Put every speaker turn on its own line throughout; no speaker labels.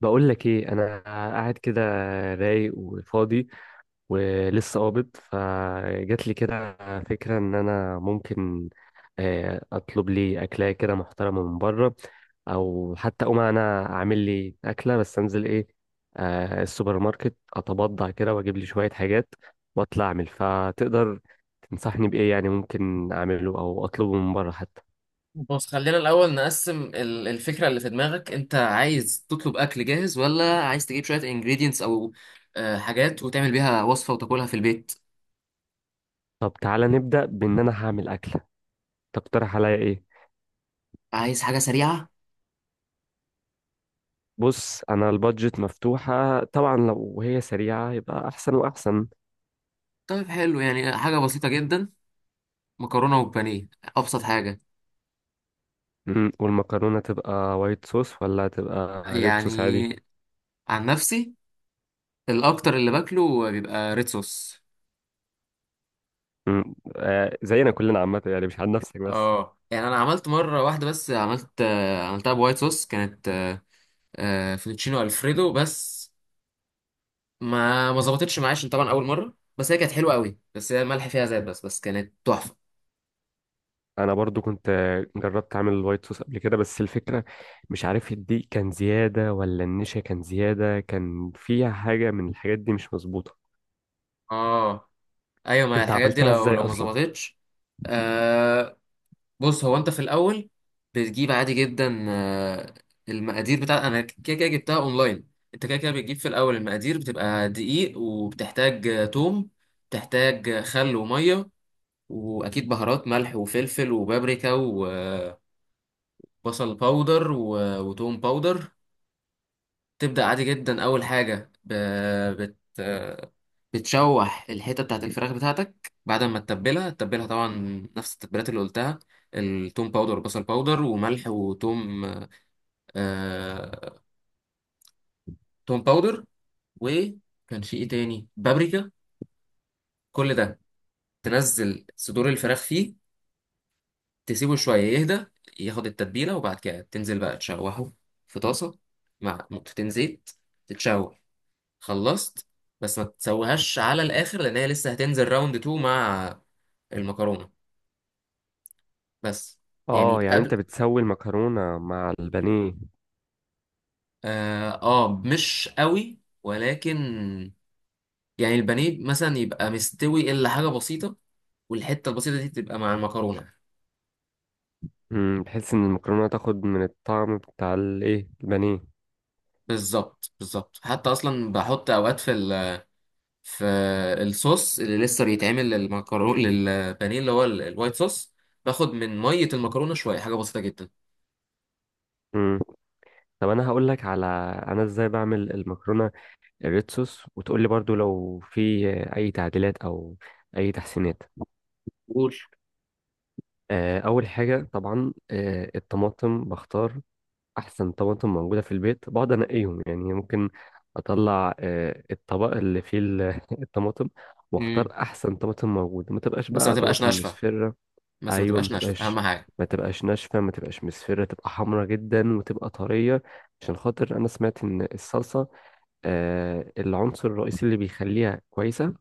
بقول لك ايه، انا قاعد كده رايق وفاضي، ولسه قابض. فجات لي كده فكره ان انا ممكن اطلب لي اكله كده محترمه من بره، او حتى اقوم انا اعمل لي اكله، بس انزل ايه السوبر ماركت، اتبضع كده واجيب لي شويه حاجات واطلع اعمل. فتقدر تنصحني بايه؟ يعني ممكن اعمله او اطلبه من بره حتى؟
بص، خلينا الأول نقسم الفكرة اللي في دماغك. أنت عايز تطلب أكل جاهز، ولا عايز تجيب شوية ingredients أو حاجات وتعمل بيها وصفة وتاكلها في البيت؟
طب تعالى نبدا بان انا هعمل اكله، تقترح عليا ايه؟
عايز حاجة سريعة؟
بص، انا البادجت مفتوحة طبعا، لو هي سريعة يبقى احسن واحسن.
طيب حلو، يعني حاجة بسيطة جدا، مكرونة وبانيه، أبسط حاجة.
مم. والمكرونة تبقى وايت صوص ولا تبقى ريد
يعني
صوص عادي؟
عن نفسي الأكتر اللي باكله بيبقى ريد صوص.
مم. آه، زينا كلنا عامة، يعني مش عن نفسك بس.
اه يعني أنا عملت مرة واحدة بس، عملت عملتها بوايت صوص، كانت فوتوتشينو ألفريدو، بس ما ظبطتش معايا عشان طبعا اول مره، بس هي كانت حلوه قوي، بس هي الملح فيها زاد، بس كانت تحفه.
انا برضو كنت جربت اعمل الوايت صوص قبل كده، بس الفكرة مش عارف الدقيق كان زيادة ولا النشا كان زيادة، كان فيها حاجة من الحاجات دي مش مظبوطة.
اه ايوه، ما
انت
الحاجات دي
عملتها
لو
ازاي
لو ما
اصلا؟
ظبطتش. آه بص، هو انت في الاول بتجيب عادي جدا، المقادير بتاع انا كده كده جبتها اونلاين. انت كده كده بتجيب في الاول المقادير، بتبقى دقيق، وبتحتاج توم، بتحتاج خل وميه، واكيد بهارات، ملح وفلفل وبابريكا وبصل باودر وتوم باودر. تبدأ عادي جدا، أول حاجة بت... بتشوح الحتة بتاعت الفراخ بتاعتك بعد ما تتبلها. تتبلها طبعا نفس التتبيلات اللي قلتها، التوم باودر والبصل باودر وملح وتوم، آه... توم باودر، وكان في ايه تاني، بابريكا، كل ده. تنزل صدور الفراخ فيه، تسيبه شوية يهدى ياخد التتبيلة، وبعد كده تنزل بقى تشوحه في طاسة مع نقطتين زيت. تتشوح، خلصت، بس ما تسويهاش على الاخر لان هي لسه هتنزل راوند 2 مع المكرونه بس.
اه
يعني
يعني
قبل،
انت بتسوي المكرونة مع البانيه؟
اه, مش قوي ولكن يعني البانيه مثلا يبقى مستوي الا حاجه بسيطه، والحته البسيطه دي تبقى مع المكرونه.
امم، بحيث ان المكرونه تاخد من الطعم بتاع الايه البانيه.
بالظبط، بالظبط، حتى اصلا بحط اوقات في ال في الصوص اللي لسه بيتعمل للمكرونه، للبانيه اللي هو الوايت صوص، باخد من ميه المكرونه شويه، حاجه بسيطه جدا.
امم. طب انا هقول لك على انا ازاي بعمل المكرونه الريد صوص، وتقول لي برضو لو في اي تعديلات او اي تحسينات.
قول.
اول حاجه طبعا الطماطم، بختار احسن طماطم موجوده في البيت، بقعد انقيهم، يعني ممكن اطلع الطبق اللي فيه الطماطم، واختار
امم،
احسن طماطم موجوده، ما تبقاش
بس ما
بقى
تبقاش
طماطم
ناشفه،
مصفرة.
بس ما
ايوه، ما
تبقاش ناشفه
تبقاش،
اهم حاجه.
ما تبقاش ناشفه، ما تبقاش مصفره، تبقى حمرا جدا وتبقى طريه. عشان خاطر انا سمعت ان الصلصه العنصر الرئيسي اللي بيخليها كويسه،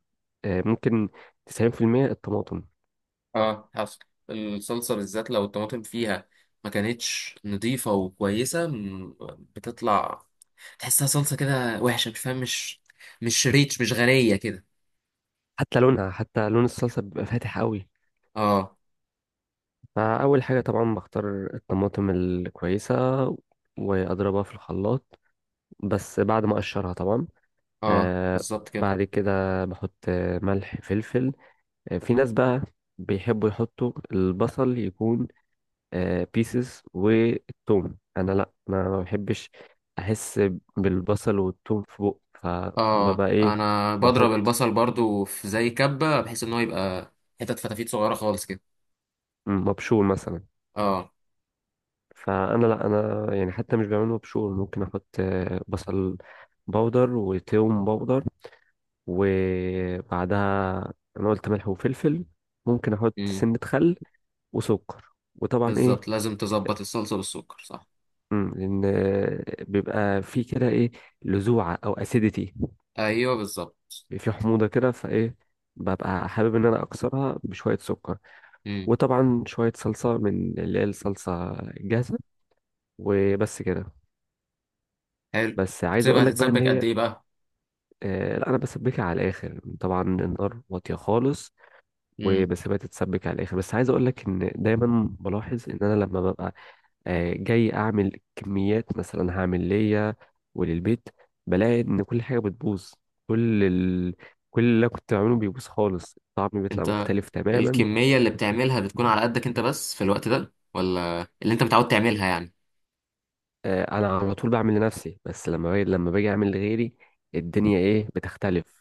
ممكن 90% الطماطم.
اه حصل، الصلصه بالذات لو الطماطم فيها ما كانتش نظيفه وكويسه، بتطلع تحسها صلصه كده وحشه، مش فاهم، مش ريتش، مش غنيه كده.
حتى لونها، حتى لون الصلصه بيبقى فاتح قوي.
اه.
فاول حاجه طبعا بختار الطماطم الكويسه واضربها في الخلاط، بس بعد ما اقشرها طبعا.
اه
آه
بالظبط كده.
بعد كده بحط ملح فلفل. في ناس بقى بيحبوا يحطوا البصل يكون بيسز والثوم، انا لا، انا ما بحبش احس بالبصل والثوم في بق،
اه
فببقى ايه
انا بضرب
بحط
البصل برضو في زي كبه، بحيث ان هو يبقى حتت فتافيت صغيره خالص كده.
مبشور مثلا.
اه.
فانا لا، انا يعني حتى مش بعمل مبشور، ممكن احط بصل بودر وثوم بودر. وبعدها انا قلت ملح وفلفل، ممكن احط
امم.
سنة خل وسكر، وطبعا
بالظبط،
ايه.
لازم تظبط الصلصه بالسكر، صح؟
امم، لان بيبقى في كده ايه، لذوعه او اسيديتي،
ايوه بالظبط.
في حموضه كده، فايه ببقى حابب ان انا اكسرها بشويه سكر.
امم.
وطبعا شويه صلصه من اللي هي الصلصه الجاهزه، وبس كده.
حلو،
بس عايز
بتسيبها
اقول لك بقى ان
تتسبك قد
هي
ايه بقى؟
آه، لا انا بسبكها على الاخر طبعا، النار واطيه خالص وبسيبها تتسبك على الاخر. بس عايز اقول لك ان دايما بلاحظ ان انا لما ببقى جاي اعمل كميات، مثلا هعمل ليا وللبيت، بلاقي ان كل حاجه بتبوظ. كل ال... كل اللي أنا كنت بعمله بيبوظ خالص، الطعم بيطلع
انت
مختلف تماما.
الكمية اللي بتعملها بتكون على قدك انت بس في الوقت ده، ولا اللي انت متعود تعملها يعني؟
انا على طول بعمل لنفسي، بس لما باجي اعمل لغيري الدنيا ايه بتختلف.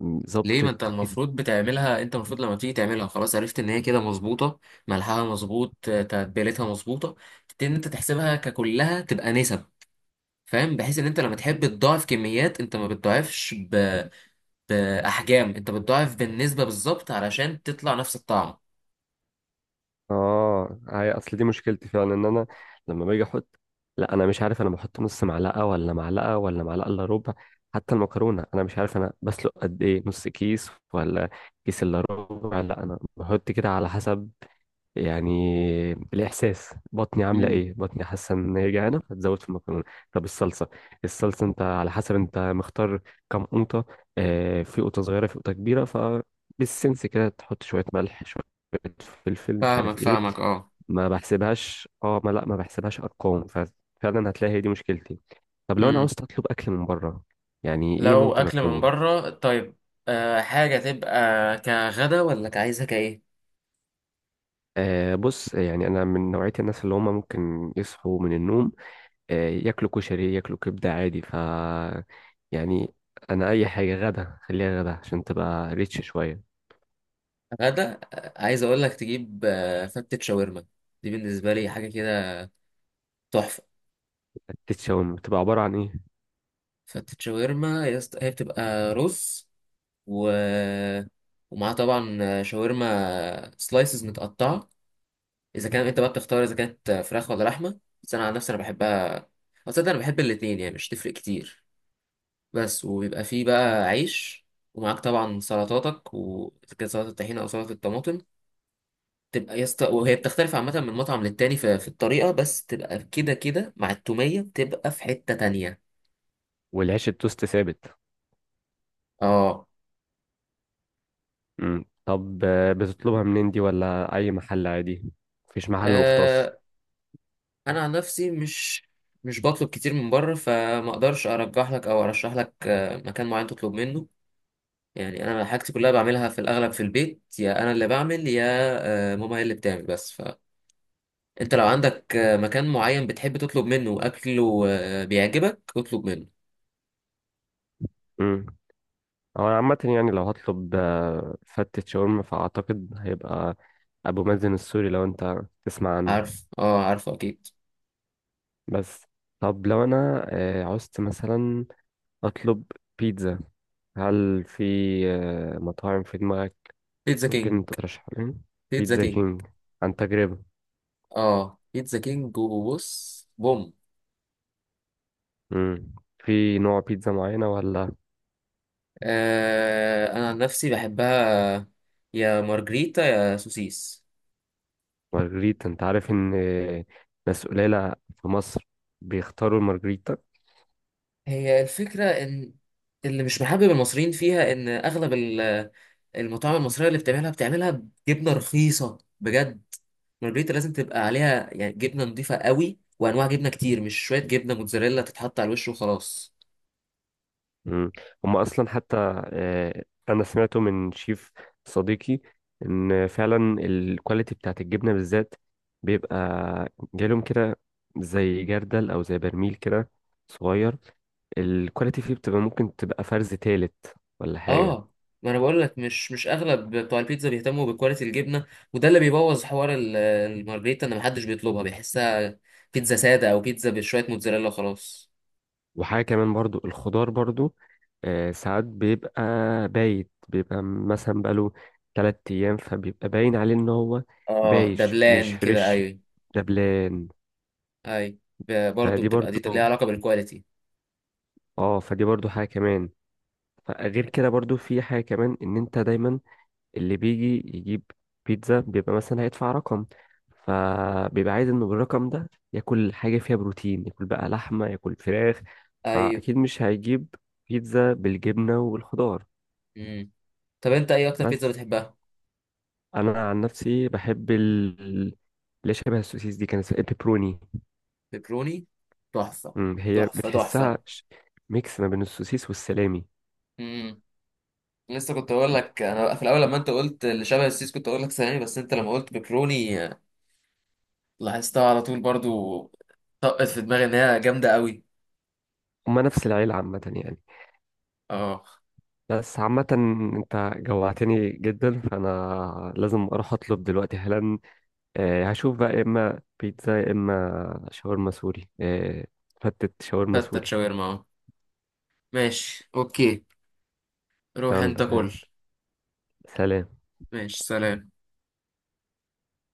ليه؟ ما
ظبطت.
انت المفروض بتعملها، انت المفروض لما تيجي تعملها خلاص عرفت ان هي كده مظبوطة، ملحها مظبوط، تتبيلتها مظبوطة. تبتدي ان انت تحسبها ككلها تبقى نسب، فاهم، بحيث ان انت لما تحب تضاعف كميات، انت ما بتضاعفش باحجام، انت بتضاعف بالنسبة، بالظبط علشان تطلع نفس الطعم.
اه، هي اصل دي مشكلتي فعلا، ان انا لما باجي احط، لا انا مش عارف، انا بحط نص معلقه ولا معلقه ولا معلقه الا ربع. حتى المكرونه، انا مش عارف انا بسلق قد ايه، نص كيس ولا كيس الا ربع، لا انا بحط كده على حسب يعني الاحساس. بطني عامله
مم.
ايه، بطني حاسه ان هي جعانه فتزود في المكرونه. طب الصلصه، الصلصه انت على حسب انت مختار كم قوطه، آه، في قوطه صغيره في قوطه كبيره، فبالسنس كده تحط شويه ملح شويه فلفل مش عارف
فاهمك،
ايه،
فاهمك.
ما بحسبهاش. اه، ما لا، ما بحسبهاش ارقام، ففعلا هتلاقي هي دي مشكلتي. طب لو انا
اه
عاوز اطلب اكل من بره، يعني ايه
لو
ممكن
اكل من
اطلبه؟
بره، طيب أه حاجه تبقى كغدا، ولا كعايزها كايه؟
بص، يعني انا من نوعيه الناس اللي هم ممكن يصحوا من النوم ياكلوا كشري ياكلوا كبده عادي، ف يعني انا اي حاجه غدا خليها غدا عشان تبقى ريتش شويه.
غدا عايز اقول لك تجيب أه فتة شاورما، دي بالنسبه لي حاجه كده تحفه.
التتشاوم بتبقى عباره عن ايه؟
فتة شاورما يا اسطى- هي بتبقى رز، و ومعاها طبعا شاورما سلايسز متقطعه، اذا كان انت بقى بتختار اذا كانت فراخ ولا لحمه، بس انا عن نفسي انا بحبها، أو تصدق انا بحب الاتنين، يعني مش تفرق كتير. بس وبيبقى فيه بقى عيش، ومعاك طبعا سلطاتك وكده، سلطة الطحينة أو سلطة الطماطم، تبقى وهي بتختلف عامة من مطعم للتاني في الطريقة، بس تبقى كده كده مع التومية، بتبقى في حتة تانية.
والعيش التوست ثابت؟
اه.
مم. طب بتطلبها منين دي؟ ولا اي محل عادي، مفيش محل مختص؟
آه، أنا عن نفسي مش بطلب كتير من بره، فما اقدرش ارجح لك او ارشح لك مكان معين تطلب منه. يعني انا حاجتي كلها بعملها في الاغلب في البيت، يا انا اللي بعمل، يا ماما هي اللي بتعمل، بس ف انت لو عندك مكان معين بتحب تطلب منه اكله بيعجبك، اطلب منه.
مم. هو عامة يعني لو هطلب فتة شاورما، فأعتقد هيبقى أبو مازن السوري، لو أنت تسمع عنه.
عارف، اه عارفه اكيد.
بس، طب لو أنا عوزت مثلا أطلب بيتزا، هل في مطاعم في دماغك
بيتزا كينج.
ممكن تترشح لي؟
بيتزا
بيتزا
كينج.
كينج، عن تجربة؟
اه بيتزا كينج، وبص بوم.
مم. في نوع بيتزا معينة ولا؟
آه انا عن نفسي بحبها يا مارجريتا يا سوسيس.
مارجريتا، أنت عارف إن ناس قليلة في مصر بيختاروا المارجريتا.
هي الفكره ان اللي مش محبب المصريين فيها ان اغلب المطاعم المصريه اللي بتعملها بتعملها بجبنه رخيصه بجد. مارجريتا لازم تبقى عليها يعني جبنه نضيفه قوي وانواع جبنه كتير، مش شويه جبنه موتزاريلا تتحط على الوش وخلاص.
مم. هم اصلا حتى انا سمعته من شيف صديقي، ان فعلا الكواليتي بتاعت الجبنه بالذات بيبقى جالهم كده زي جردل او زي برميل كده صغير، الكواليتي فيه بتبقى ممكن تبقى فرز تالت ولا حاجه.
اه، ما انا بقول لك، مش اغلب بتوع البيتزا بيهتموا بكواليتي الجبنه، وده اللي بيبوظ حوار المارجريتا، ان محدش بيطلبها، بيحسها بيتزا ساده، او بيتزا بشويه موتزاريلا وخلاص.
وحاجه كمان برضو الخضار برضو ساعات بيبقى بايت، بيبقى مثلا بقاله 3 ايام، فبيبقى باين عليه ان هو
اه
بايش مش
دبلان كده،
فريش،
ايوه.
دبلان.
ايوه برضه
فدي
بتبقى دي
برضو.
ليها علاقه بالكواليتي.
اه، فدي برضو حاجة كمان. فغير كده برضو في حاجة كمان، ان انت دايما اللي بيجي يجيب بيتزا بيبقى مثلا هيدفع رقم، فبيبقى عايز انه بالرقم ده ياكل حاجة فيها بروتين، ياكل بقى لحمة ياكل فراخ،
ايوه.
فأكيد مش هيجيب بيتزا بالجبنة والخضار.
امم. طب انت ايه اكتر بيتزا
بس
بتحبها؟
أنا عن نفسي بحب ال اللي شبه السوسيس دي، كانت اسمها بيبروني.
بيبروني، تحفه،
هي
تحفه تحفه.
بتحسها ميكس ما بين السوسيس والسلامي.
امم، لسه كنت اقول لك، انا في الاول لما انت قلت اللي شبه السيس كنت اقول لك ثواني، بس انت لما قلت بكروني لاحظتها على طول برضو، طقت في دماغي ان هي جامده قوي.
هما نفس العيلة عامة يعني.
اه.
بس عامة، انت جوعتني جدا، فانا لازم اروح اطلب دلوقتي حالا. هشوف بقى يا اما بيتزا يا اما شاورما سوري فتت شاورما
فتت
سوري.
شاورما اه، ماشي اوكي، روح انت
يلا
كل.
يلا، سلام.
ماشي سلام.